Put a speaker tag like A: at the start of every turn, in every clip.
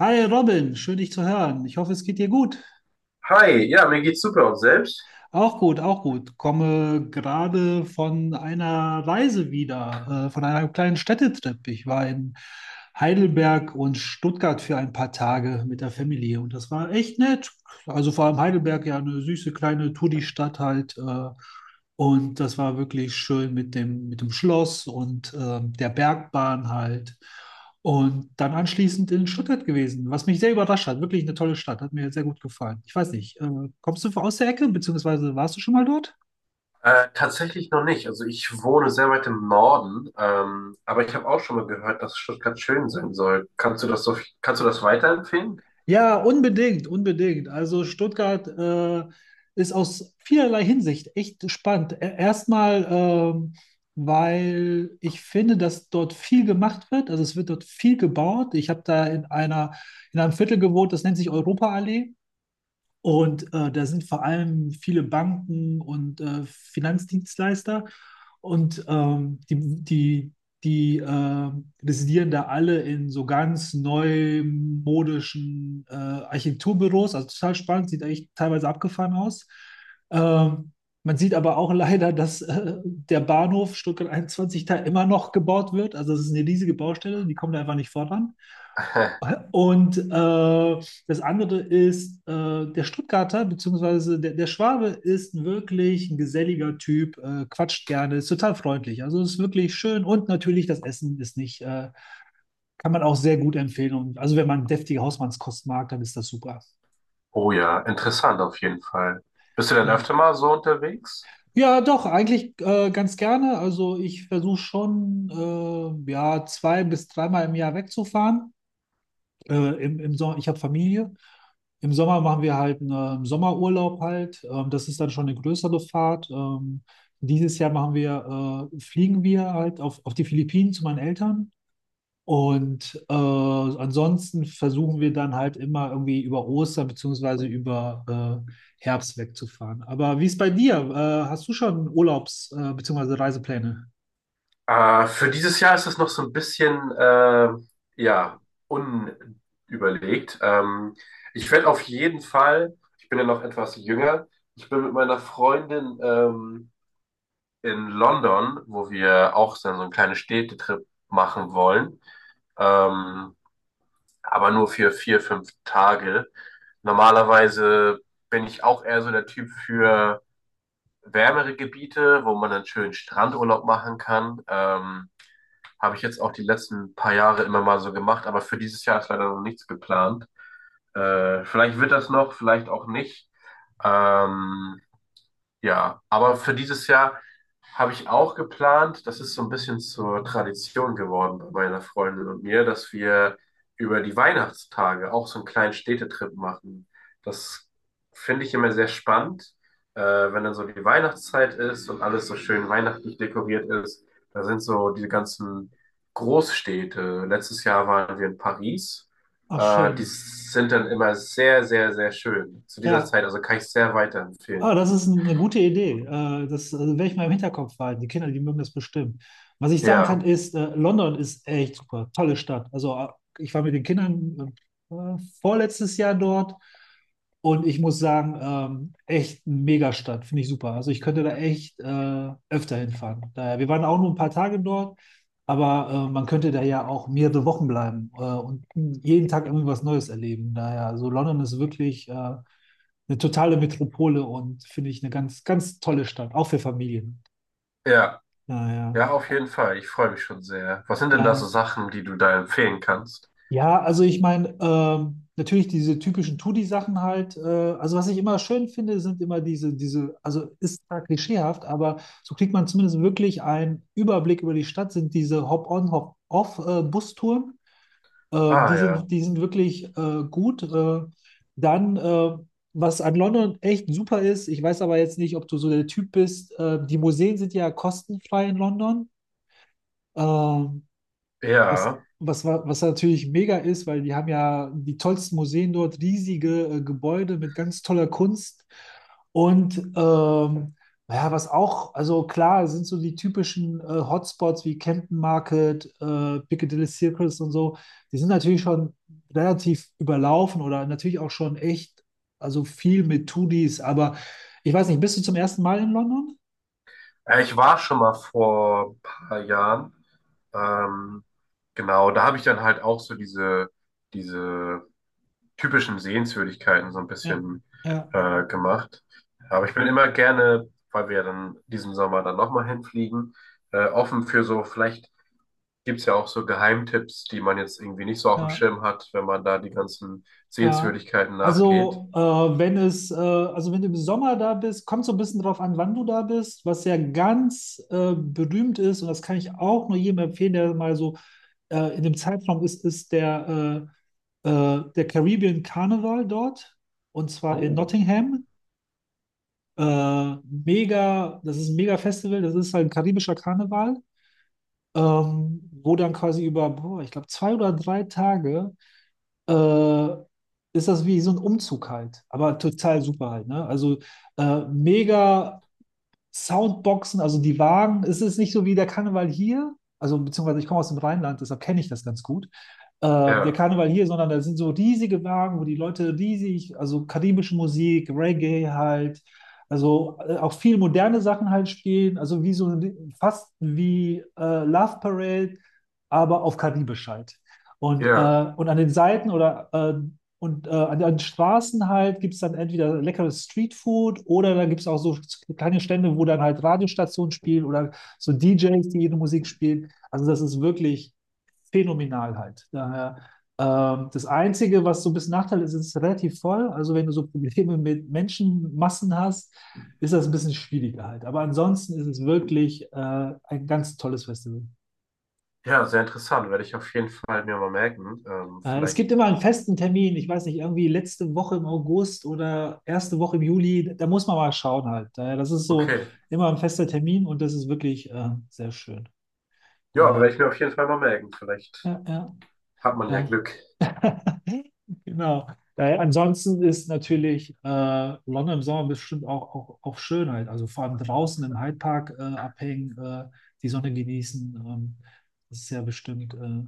A: Hi Robin, schön dich zu hören. Ich hoffe, es geht dir gut.
B: Hi, ja, mir geht's super und selbst?
A: Auch gut, auch gut. Komme gerade von einer Reise wieder, von einem kleinen Städtetrip. Ich war in Heidelberg und Stuttgart für ein paar Tage mit der Familie und das war echt nett. Also vor allem Heidelberg, ja, eine süße kleine Touri-Stadt halt. Und das war wirklich schön mit mit dem Schloss und der Bergbahn halt. Und dann anschließend in Stuttgart gewesen, was mich sehr überrascht hat. Wirklich eine tolle Stadt, hat mir sehr gut gefallen. Ich weiß nicht, kommst du aus der Ecke, beziehungsweise warst du schon mal dort?
B: Tatsächlich noch nicht. Also ich wohne sehr weit im Norden, aber ich habe auch schon mal gehört, dass Stuttgart schön sein soll. Kannst du das kannst du das weiterempfehlen?
A: Ja, unbedingt, unbedingt. Also Stuttgart ist aus vielerlei Hinsicht echt spannend. Erstmal, weil ich finde, dass dort viel gemacht wird. Also es wird dort viel gebaut. Ich habe da in in einem Viertel gewohnt, das nennt sich Europaallee. Und da sind vor allem viele Banken und Finanzdienstleister und die, die, die residieren da alle in so ganz neumodischen Architekturbüros. Also total spannend, sieht eigentlich teilweise abgefahren aus. Ähm, Man sieht aber auch leider, dass der Bahnhof Stuttgart 21 da immer noch gebaut wird. Also es ist eine riesige Baustelle, die kommen da einfach nicht voran. Und das andere ist, der Stuttgarter bzw. der Schwabe ist wirklich ein geselliger Typ, quatscht gerne, ist total freundlich. Also ist wirklich schön und natürlich das Essen ist nicht, kann man auch sehr gut empfehlen. Und also wenn man deftige Hausmannskost mag, dann ist das super.
B: Oh ja, interessant auf jeden Fall. Bist du denn
A: Ja.
B: öfter mal so unterwegs?
A: Ja, doch, eigentlich ganz gerne. Also ich versuche schon, ja, zwei bis dreimal im Jahr wegzufahren. Im Sommer, ich habe Familie. Im Sommer machen wir halt einen Sommerurlaub halt. Das ist dann schon eine größere Fahrt. Dieses Jahr machen wir, fliegen wir halt auf die Philippinen zu meinen Eltern. Und ansonsten versuchen wir dann halt immer irgendwie über Ostern beziehungsweise über Herbst wegzufahren. Aber wie ist bei dir? Hast du schon beziehungsweise Reisepläne?
B: Für dieses Jahr ist es noch so ein bisschen, ja, unüberlegt. Ich werde auf jeden Fall, ich bin ja noch etwas jünger, ich bin mit meiner Freundin in London, wo wir auch so einen kleinen Städtetrip machen wollen, ähm, aber nur für vier, fünf Tage. Normalerweise bin ich auch eher so der Typ für wärmere Gebiete, wo man dann schön Strandurlaub machen kann. Habe ich jetzt auch die letzten paar Jahre immer mal so gemacht, aber für dieses Jahr ist leider noch nichts geplant. Vielleicht wird das noch, vielleicht auch nicht. Ähm, ja, aber für dieses Jahr habe ich auch geplant, das ist so ein bisschen zur Tradition geworden bei meiner Freundin und mir, dass wir über die Weihnachtstage auch so einen kleinen Städtetrip machen. Das finde ich immer sehr spannend, wenn dann so die Weihnachtszeit ist und alles so schön weihnachtlich dekoriert ist. Da sind so diese ganzen Großstädte. Letztes Jahr waren wir in Paris.
A: Ach,
B: Die
A: schön.
B: sind dann immer sehr, sehr, sehr schön zu dieser
A: Ja.
B: Zeit. Also kann ich sehr
A: Ah,
B: weiterempfehlen.
A: das ist eine gute Idee. Das werde ich mal im Hinterkopf behalten. Die Kinder, die mögen das bestimmt. Was ich sagen kann,
B: Ja.
A: ist, London ist echt super. Tolle Stadt. Also, ich war mit den Kindern vorletztes Jahr dort und ich muss sagen, echt eine Megastadt. Finde ich super. Also, ich könnte da echt öfter hinfahren. Daher, wir waren auch nur ein paar Tage dort, aber man könnte da ja auch mehrere Wochen bleiben und jeden Tag irgendwie was Neues erleben. Daher, also, London ist wirklich. Eine totale Metropole und finde ich eine ganz, ganz tolle Stadt, auch für Familien.
B: Ja,
A: Naja.
B: ja, auf jeden Fall. Ich freue mich schon sehr. Was sind denn da so
A: Äh,
B: Sachen, die du da empfehlen kannst?
A: ja, also ich meine, natürlich diese typischen Touri sachen halt. Also was ich immer schön finde, sind immer also ist zwar klischeehaft, aber so kriegt man zumindest wirklich einen Überblick über die Stadt, sind diese Hop-on, Hop-off-Bustouren.
B: Ah ja,
A: Die sind wirklich gut. Dann, äh, was an London echt super ist, ich weiß aber jetzt nicht, ob du so der Typ bist. Die Museen sind ja kostenfrei in London. Ähm,
B: ja.
A: Was natürlich mega ist, weil die haben ja die tollsten Museen dort, riesige Gebäude mit ganz toller Kunst. Und naja, was auch, also klar, sind so die typischen Hotspots wie Camden Market, Piccadilly Circus und so, die sind natürlich schon relativ überlaufen oder natürlich auch schon echt, also viel mit Tudis, aber ich weiß nicht, bist du zum ersten Mal in London?
B: Ich war schon mal vor ein paar Jahren. Ähm, genau, da habe ich dann halt auch so diese typischen Sehenswürdigkeiten so ein
A: Ja,
B: bisschen
A: ja,
B: gemacht. Aber ich bin immer gerne, weil wir dann diesen Sommer dann nochmal hinfliegen, offen für so vielleicht gibt es ja auch so Geheimtipps, die man jetzt irgendwie nicht so auf dem
A: ja.
B: Schirm hat, wenn man da die ganzen
A: Ja,
B: Sehenswürdigkeiten nachgeht.
A: also wenn es, also wenn du im Sommer da bist, kommt so ein bisschen drauf an, wann du da bist, was ja ganz berühmt ist und das kann ich auch nur jedem empfehlen, der mal so in dem Zeitraum ist, der Caribbean Carnival dort und zwar in
B: Oh,
A: Nottingham. Mega, das ist ein mega Festival, das ist halt ein karibischer Karneval, wo dann quasi über, boah, ich glaube, zwei oder drei Tage äh, ist das wie so ein Umzug halt, aber total super halt, ne? Also mega Soundboxen, also die Wagen, es ist nicht so wie der Karneval hier, also beziehungsweise ich komme aus dem Rheinland, deshalb kenne ich das ganz gut der
B: ja,
A: Karneval hier, sondern da sind so riesige Wagen, wo die Leute riesig, also karibische Musik, Reggae halt, also auch viel moderne Sachen halt spielen, also wie so fast wie Love Parade, aber auf Karibisch halt.
B: ja,
A: Und an den Seiten oder und an den Straßen halt gibt es dann entweder leckeres Streetfood oder dann gibt es auch so kleine Stände, wo dann halt Radiostationen spielen oder so DJs, die ihre Musik spielen. Also das ist wirklich phänomenal halt. Daher, das Einzige, was so ein bisschen Nachteil ist, ist relativ voll. Also wenn du so Probleme mit Menschenmassen hast, ist das ein bisschen schwieriger halt. Aber ansonsten ist es wirklich ein ganz tolles Festival.
B: ja, sehr interessant. Werde ich auf jeden Fall mir mal merken.
A: Es gibt
B: Vielleicht.
A: immer einen festen Termin, ich weiß nicht, irgendwie letzte Woche im August oder erste Woche im Juli, da muss man mal schauen halt. Daher, das ist so
B: Okay.
A: immer ein fester Termin und das ist wirklich sehr schön.
B: Ja, werde
A: Daher,
B: ich mir auf jeden Fall mal merken. Vielleicht
A: ja, ja.
B: hat man ja
A: Daher.
B: Glück.
A: Genau. Daher, ansonsten ist natürlich London im Sommer bestimmt auch, auch auf Schönheit. Also vor allem draußen im Hyde Park abhängen, die Sonne genießen. Das ist ja bestimmt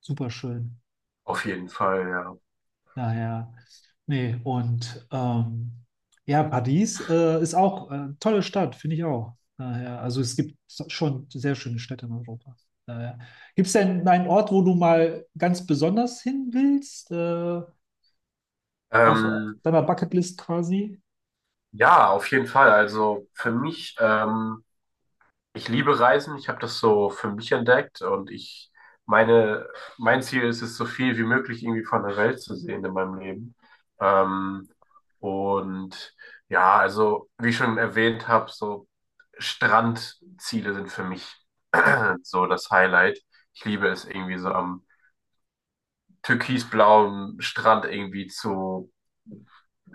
A: super schön.
B: Auf jeden Fall, ja.
A: Daher, nee, und ja, Paris ist auch eine tolle Stadt, finde ich auch. Daher, also es gibt so- schon sehr schöne Städte in Europa. Daher. Gibt es denn einen Ort, wo du mal ganz besonders hin willst? Auf
B: Ähm,
A: deiner Bucketlist quasi?
B: ja, auf jeden Fall. Also für mich ich liebe Reisen, ich habe das so für mich entdeckt und ich meine, mein Ziel ist es, so viel wie möglich irgendwie von der Welt zu sehen in meinem Leben. Ähm, und ja, also wie ich schon erwähnt habe, so Strandziele sind für mich so das Highlight. Ich liebe es irgendwie so am türkisblauen Strand irgendwie zu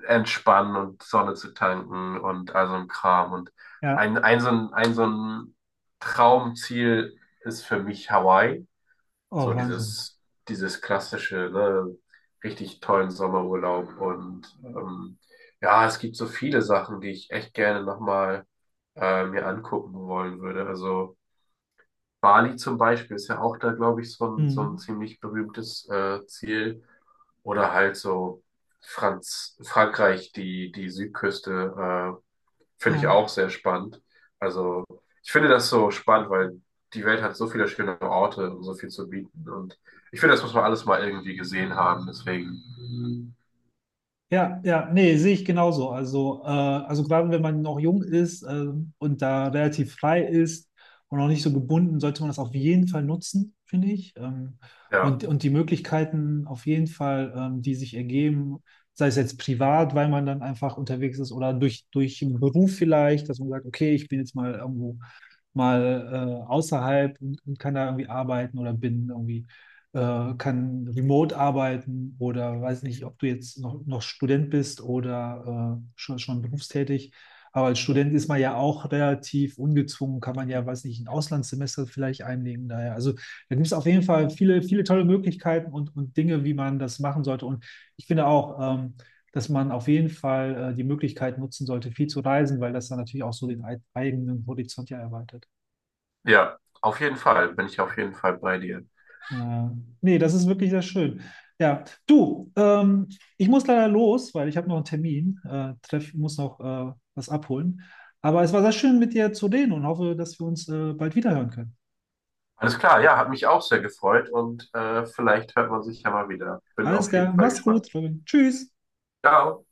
B: entspannen und Sonne zu tanken und all so ein Kram. Und
A: Ja,
B: ein, so ein so ein Traumziel ist für mich Hawaii.
A: oh
B: So
A: Wahnsinn.
B: dieses klassische, ne, richtig tollen Sommerurlaub. Und ja, es gibt so viele Sachen, die ich echt gerne nochmal mir angucken wollen würde. Also Bali zum Beispiel ist ja auch da, glaube ich, so ein
A: Mhm.
B: ziemlich berühmtes Ziel. Oder halt so Frankreich, die Südküste, finde ich
A: Ja.
B: auch sehr spannend. Also ich finde das so spannend, weil die Welt hat so viele schöne Orte und so viel zu bieten. Und ich finde, das muss man alles mal irgendwie gesehen haben. Deswegen,
A: Ja, ja, nee, sehe ich genauso. Also gerade wenn man noch jung ist, und da relativ frei ist und noch nicht so gebunden, sollte man das auf jeden Fall nutzen, finde ich.
B: ja,
A: Und die Möglichkeiten auf jeden Fall, die sich ergeben, sei es jetzt privat, weil man dann einfach unterwegs ist oder durch einen Beruf vielleicht, dass man sagt, okay, ich bin jetzt mal irgendwo mal außerhalb und kann da irgendwie arbeiten oder bin irgendwie kann remote arbeiten oder weiß nicht, ob du jetzt noch Student bist oder schon berufstätig. Aber als Student ist man ja auch relativ ungezwungen, kann man ja, weiß nicht, ein Auslandssemester vielleicht einlegen. Daher. Also da gibt es auf jeden Fall viele, viele tolle Möglichkeiten und Dinge, wie man das machen sollte. Und ich finde auch, dass man auf jeden Fall die Möglichkeit nutzen sollte, viel zu reisen, weil das dann natürlich auch so den eigenen Horizont ja erweitert.
B: ja, auf jeden Fall, bin ich auf jeden Fall bei dir.
A: Ja. Nee, das ist wirklich sehr schön. Ja, du, ich muss leider los, weil ich habe noch einen Termin, muss noch was abholen. Aber es war sehr schön, mit dir zu reden und hoffe, dass wir uns bald wiederhören können.
B: Alles klar, ja, hat mich auch sehr gefreut und vielleicht hört man sich ja mal wieder. Bin
A: Alles
B: auf jeden
A: klar,
B: Fall
A: mach's
B: gespannt.
A: gut, Robin. Tschüss.
B: Ciao.